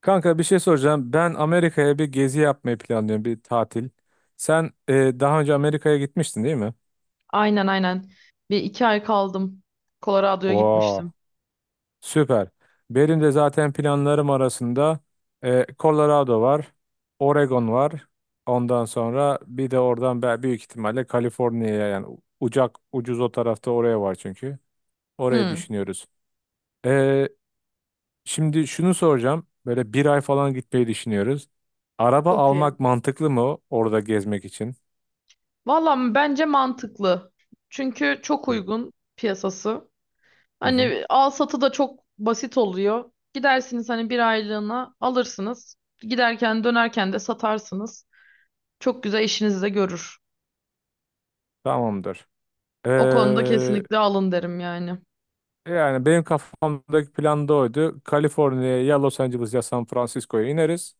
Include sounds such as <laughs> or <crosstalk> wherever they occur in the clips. Kanka bir şey soracağım. Ben Amerika'ya bir gezi yapmayı planlıyorum, bir tatil. Sen daha önce Amerika'ya gitmiştin değil mi? Aynen, aynen. Bir iki ay kaldım. Colorado'ya Oo, gitmiştim. süper. Benim de zaten planlarım arasında Colorado var, Oregon var. Ondan sonra bir de oradan ben büyük ihtimalle Kaliforniya'ya yani ucak ucuz o tarafta oraya var çünkü. Orayı Hmm. düşünüyoruz. E, Şimdi şunu soracağım. Böyle bir ay falan gitmeyi düşünüyoruz. Araba Çok iyi. almak mantıklı mı orada gezmek için? Valla bence mantıklı. Çünkü çok uygun piyasası. Hı hı. Hani al satı da çok basit oluyor. Gidersiniz hani bir aylığına alırsınız. Giderken dönerken de satarsınız. Çok güzel işinizi de görür. Tamamdır. Ee, O konuda kesinlikle alın derim yani. Yani benim kafamdaki plan da oydu. Kaliforniya'ya ya Los Angeles ya San Francisco'ya ineriz.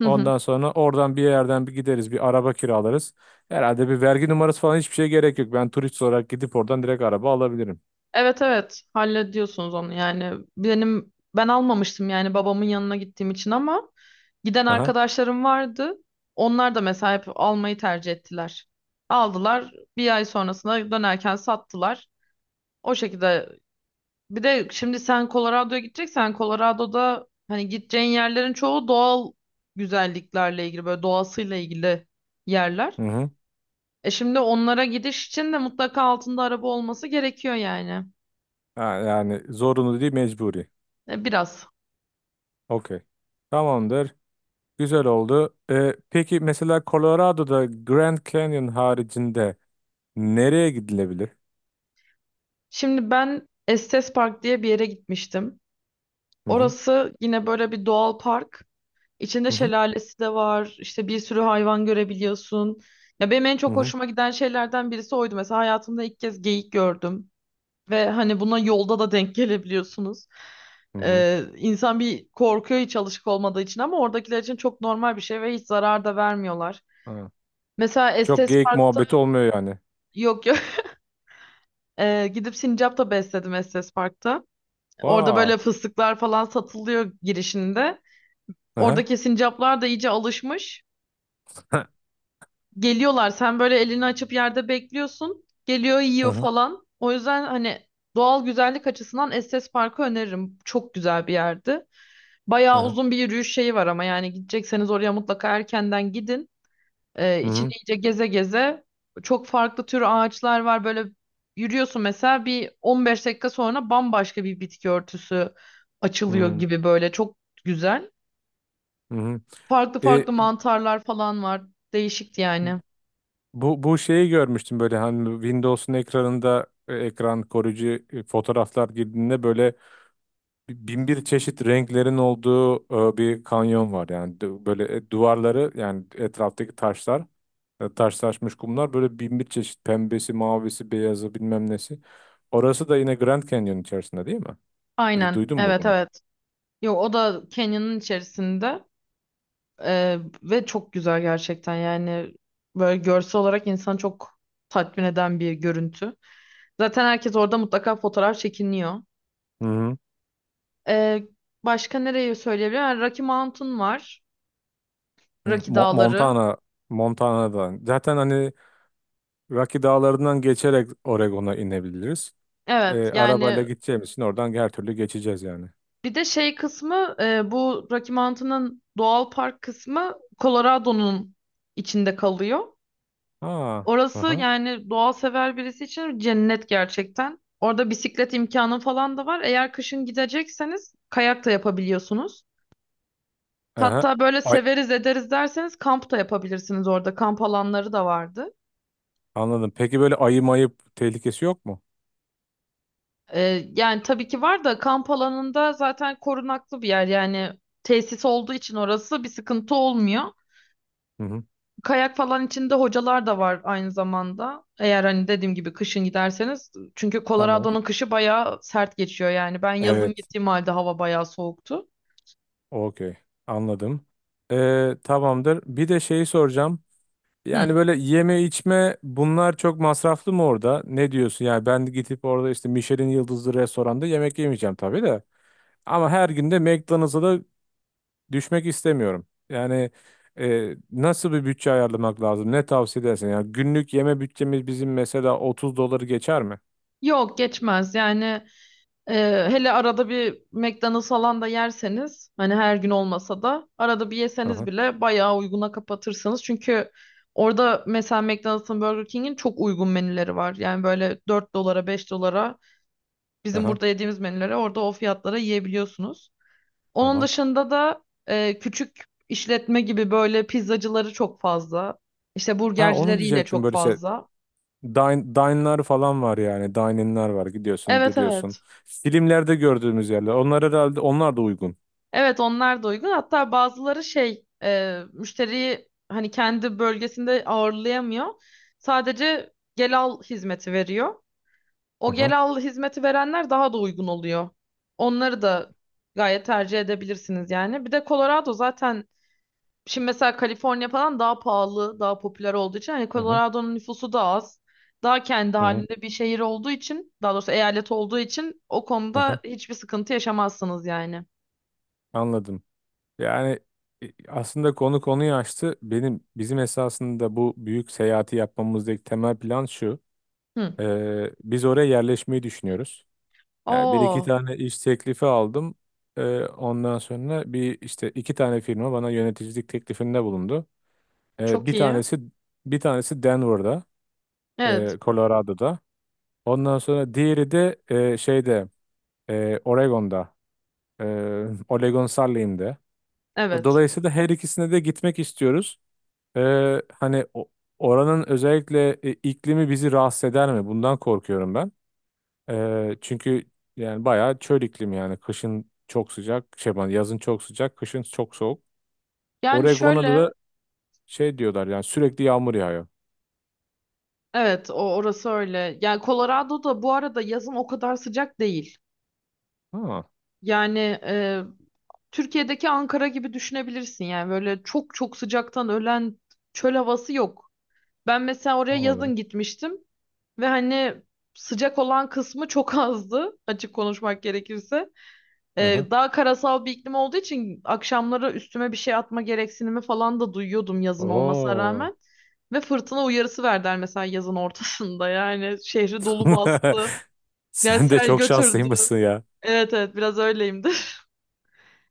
Hı hı. Ondan sonra oradan bir yerden bir gideriz, bir araba kiralarız. Herhalde bir vergi numarası falan hiçbir şeye gerek yok. Ben turist olarak gidip oradan direkt araba alabilirim. Evet, evet, hallediyorsunuz onu yani. Ben almamıştım yani babamın yanına gittiğim için ama giden Aha. arkadaşlarım vardı. Onlar da mesela hep almayı tercih ettiler. Aldılar. Bir ay sonrasında dönerken sattılar. O şekilde. Bir de şimdi sen Colorado'ya gideceksen Colorado'da hani gideceğin yerlerin çoğu doğal güzelliklerle ilgili, böyle doğasıyla ilgili yerler. Hı hı. E şimdi onlara gidiş için de mutlaka altında araba olması gerekiyor yani. Ha, yani zorunlu değil, mecburi. E biraz. Okey. Tamamdır. Güzel oldu. Peki mesela Colorado'da Grand Canyon haricinde nereye gidilebilir? Şimdi ben Estes Park diye bir yere gitmiştim. Hı hı. Orası yine böyle bir doğal park. İçinde Hı hı. şelalesi de var. İşte bir sürü hayvan görebiliyorsun. Ya benim en Hı çok hı. hoşuma giden şeylerden birisi oydu. Mesela hayatımda ilk kez geyik gördüm. Ve hani buna yolda da denk gelebiliyorsunuz. Hı hı. İnsan bir korkuyor hiç alışık olmadığı için ama oradakiler için çok normal bir şey ve hiç zarar da vermiyorlar. Hı. Mesela Çok Estes geyik Park'ta muhabbeti olmuyor yani. yok, yok. <laughs> Gidip sincap da besledim Estes Park'ta. Orada böyle Vaa. fıstıklar falan satılıyor girişinde. Hı hı. Oradaki sincaplar da iyice alışmış. <laughs> Geliyorlar. Sen böyle elini açıp yerde bekliyorsun. Geliyor, Hı yiyor hı. falan. O yüzden hani doğal güzellik açısından Estes Park'ı öneririm. Çok güzel bir yerdi. Hı Bayağı hı. uzun bir yürüyüş şeyi var ama yani gidecekseniz oraya mutlaka erkenden gidin. Hı İçini hı. iyice geze geze çok farklı tür ağaçlar var. Böyle yürüyorsun mesela bir 15 dakika sonra bambaşka bir bitki örtüsü açılıyor gibi böyle çok güzel. Hı hı. Farklı E, farklı mantarlar falan var. Değişikti yani. bu şeyi görmüştüm böyle hani Windows'un ekranında ekran koruyucu fotoğraflar girdiğinde böyle bin bir çeşit renklerin olduğu bir kanyon var yani böyle duvarları yani etraftaki taşlar taşlaşmış kumlar böyle bin bir çeşit pembesi, mavisi, beyazı bilmem nesi. Orası da yine Grand Canyon içerisinde değil mi? Aynen. Duydun mu Evet bunu? evet. Yok, o da Kenya'nın içerisinde Ee, ve çok güzel gerçekten yani böyle görsel olarak insanı çok tatmin eden bir görüntü. Zaten herkes orada mutlaka fotoğraf çekiniyor. Ee, Başka nereyi söyleyebilirim? Yani Rocky Mountain var. Hı, Rocky Mo- Dağları. Montana, Montana'dan. Zaten hani Rocky Dağları'ndan geçerek Oregon'a inebiliriz. Evet Arabayla yani gideceğimiz için oradan her türlü geçeceğiz yani. bir de şey kısmı bu Rocky Mountain'ın doğal park kısmı Colorado'nun içinde kalıyor. Ha, Orası aha, yani doğa sever birisi için cennet gerçekten. Orada bisiklet imkanı falan da var. Eğer kışın gidecekseniz kayak da yapabiliyorsunuz. aha. Hatta böyle Ay, severiz ederiz derseniz kamp da yapabilirsiniz orada. Kamp alanları da vardı. anladım. Peki böyle ayı mayıp tehlikesi yok mu? Ee, Yani tabii ki var da kamp alanında zaten korunaklı bir yer. Yani tesis olduğu için orası bir sıkıntı olmuyor. Hı hı, Kayak falan içinde hocalar da var aynı zamanda. Eğer hani dediğim gibi kışın giderseniz. Çünkü tamam. Colorado'nun kışı bayağı sert geçiyor yani. Ben yazın Evet, gittiğim halde hava bayağı soğuktu. okey. Anladım. Tamamdır. Bir de şeyi soracağım. Hı. Yani böyle yeme içme bunlar çok masraflı mı orada? Ne diyorsun? Yani ben gidip orada işte Michelin yıldızlı restoranda yemek yemeyeceğim tabii de. Ama her gün de McDonald's'a da düşmek istemiyorum. Yani nasıl bir bütçe ayarlamak lazım? Ne tavsiye edersin? Yani günlük yeme bütçemiz bizim mesela 30 doları geçer mi? Yok geçmez yani, e, hele arada bir McDonald's falan da yerseniz hani her gün olmasa da arada bir yeseniz Aha, bile bayağı uyguna kapatırsınız. Çünkü orada mesela McDonald's'ın Burger King'in çok uygun menüleri var. Yani böyle 4 dolara 5 dolara bizim aha, burada yediğimiz menüleri orada o fiyatlara yiyebiliyorsunuz. Onun aha. dışında da küçük işletme gibi böyle pizzacıları çok fazla. İşte Ha onu burgercileri yine diyecektim çok böylese. fazla. Dine, dine'lar falan var yani. Dining'ler var. Gidiyorsun, Evet duruyorsun. evet. Filmlerde gördüğümüz yerler. Onlar herhalde onlar da uygun. Evet, onlar da uygun. Hatta bazıları şey müşteriyi hani kendi bölgesinde ağırlayamıyor. Sadece gel al hizmeti veriyor. O Aha, gel al hizmeti verenler daha da uygun oluyor. Onları da gayet tercih edebilirsiniz yani. Bir de Colorado zaten şimdi mesela Kaliforniya falan daha pahalı, daha popüler olduğu için hani aha, Colorado'nun nüfusu da az. Daha kendi aha, halinde bir şehir olduğu için, daha doğrusu eyalet olduğu için o aha. konuda hiçbir sıkıntı yaşamazsınız yani. Anladım. Yani aslında konu konuyu açtı. Bizim esasında bu büyük seyahati yapmamızdaki temel plan şu. Hı. Biz oraya yerleşmeyi düşünüyoruz. Yani bir iki Oo, tane iş teklifi aldım. Ondan sonra bir işte iki tane firma bana yöneticilik teklifinde bulundu. Ee, çok bir iyi. tanesi bir tanesi Denver'da, Evet, Colorado'da. Ondan sonra diğeri de şeyde Oregon'da, e, <laughs> Oregon Saarland'da. evet. Dolayısıyla her ikisine de gitmek istiyoruz. Hani oranın özellikle iklimi bizi rahatsız eder mi? Bundan korkuyorum ben. Çünkü yani bayağı çöl iklimi yani kışın çok sıcak, şey ben yazın çok sıcak, kışın çok soğuk. Yani Oregon'da şöyle, da şey diyorlar yani sürekli yağmur yağıyor. evet, o orası öyle. Yani Colorado'da bu arada yazın o kadar sıcak değil. Ha, Yani Türkiye'deki Ankara gibi düşünebilirsin yani böyle çok çok sıcaktan ölen çöl havası yok. Ben mesela oraya anladım. yazın gitmiştim. Ve hani sıcak olan kısmı çok azdı <laughs> açık konuşmak gerekirse. Aha. Daha karasal bir iklim olduğu için akşamları üstüme bir şey atma gereksinimi falan da duyuyordum yazın olmasına Oo. rağmen. Ve fırtına uyarısı verdiler mesela yazın ortasında <laughs> yani şehri dolu bastı. <laughs> Yani Sen de sel çok götürdü. şanslıymışsın ya. Evet evet biraz öyleyimdir. <laughs>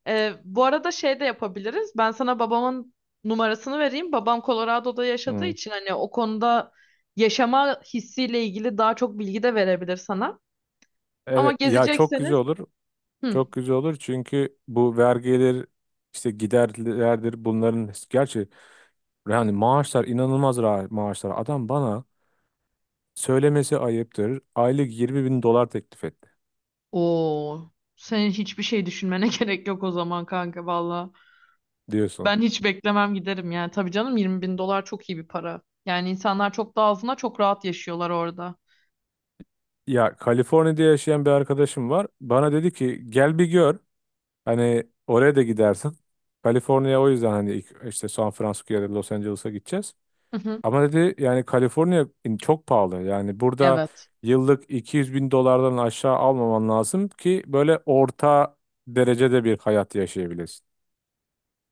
Bu arada şey de yapabiliriz. Ben sana babamın numarasını vereyim. Babam Colorado'da yaşadığı Hı. için hani o konuda yaşama hissiyle ilgili daha çok bilgi de verebilir sana. Ama Evet ya çok güzel gezecekseniz olur. hı. Çok güzel olur çünkü bu vergiler işte giderlerdir bunların gerçi. Yani maaşlar inanılmaz maaşlar. Adam bana söylemesi ayıptır. Aylık 20 bin dolar teklif etti Oo. Senin hiçbir şey düşünmene <laughs> gerek yok o zaman kanka valla. diyorsun. Ben hiç beklemem giderim yani. Tabii canım, 20 bin dolar çok iyi bir para. Yani insanlar çok daha azına çok rahat yaşıyorlar orada. Ya Kaliforniya'da yaşayan bir arkadaşım var. Bana dedi ki gel bir gör. Hani oraya da gidersin. Kaliforniya o yüzden hani ilk işte San Francisco'ya da Los Angeles'a gideceğiz. Hı hı. Ama dedi yani Kaliforniya çok pahalı. Yani burada Evet. yıllık 200 bin dolardan aşağı almaman lazım ki böyle orta derecede bir hayat yaşayabilesin.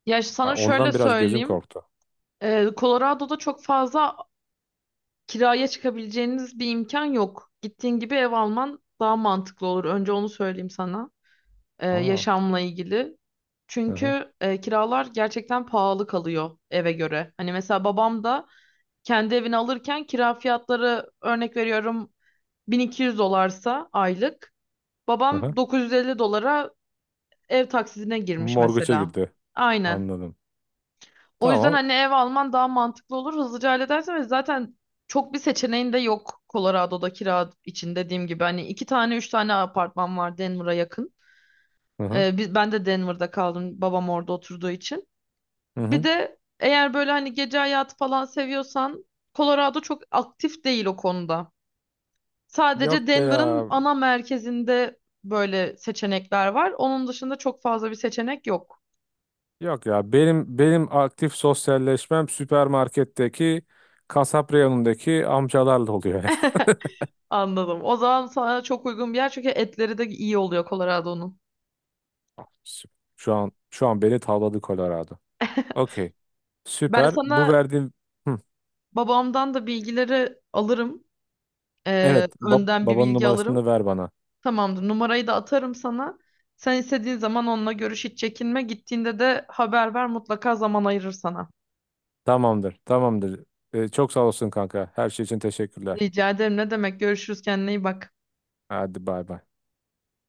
Ya Ha, sana şöyle Ondan biraz gözüm söyleyeyim. korktu. Colorado'da çok fazla kiraya çıkabileceğiniz bir imkan yok. Gittiğin gibi ev alman daha mantıklı olur. Önce onu söyleyeyim sana. Aa. Yaşamla ilgili. Aha. Çünkü kiralar gerçekten pahalı kalıyor eve göre. Hani mesela babam da kendi evini alırken kira fiyatları, örnek veriyorum, 1200 dolarsa aylık. Aha. Babam 950 dolara ev taksidine girmiş Morguça mesela. girdi. Aynen. Anladım. O yüzden Tamam. hani ev alman daha mantıklı olur. Hızlıca halledersin ve zaten çok bir seçeneğin de yok Colorado'da kira için dediğim gibi. Hani iki tane üç tane apartman var Denver'a yakın. Hı hı. Ben de Denver'da kaldım babam orada oturduğu için. Hı Bir hı. de eğer böyle hani gece hayatı falan seviyorsan Colorado çok aktif değil o konuda. Yok Sadece be Denver'ın ya. ana merkezinde böyle seçenekler var. Onun dışında çok fazla bir seçenek yok. Yok ya. Benim aktif sosyalleşmem süpermarketteki kasap reyonundaki amcalarla oluyor. Anladım. O zaman sana çok uygun bir yer çünkü etleri de iyi oluyor Colorado'nun. <laughs> Süper. Şu an beni tavladı Colorado. Okey. Ben Süper. Bu sana verdiğim. Hı. babamdan da bilgileri alırım. Evet, Önden bir babanın bilgi numarasını da alırım. ver bana. Tamamdır. Numarayı da atarım sana. Sen istediğin zaman onunla görüş, hiç çekinme. Gittiğinde de haber ver, mutlaka zaman ayırır sana. Tamamdır. Tamamdır. Çok sağ olsun kanka. Her şey için teşekkürler. Rica ederim. Ne demek? Görüşürüz. Kendine iyi bak. Hadi bay bay.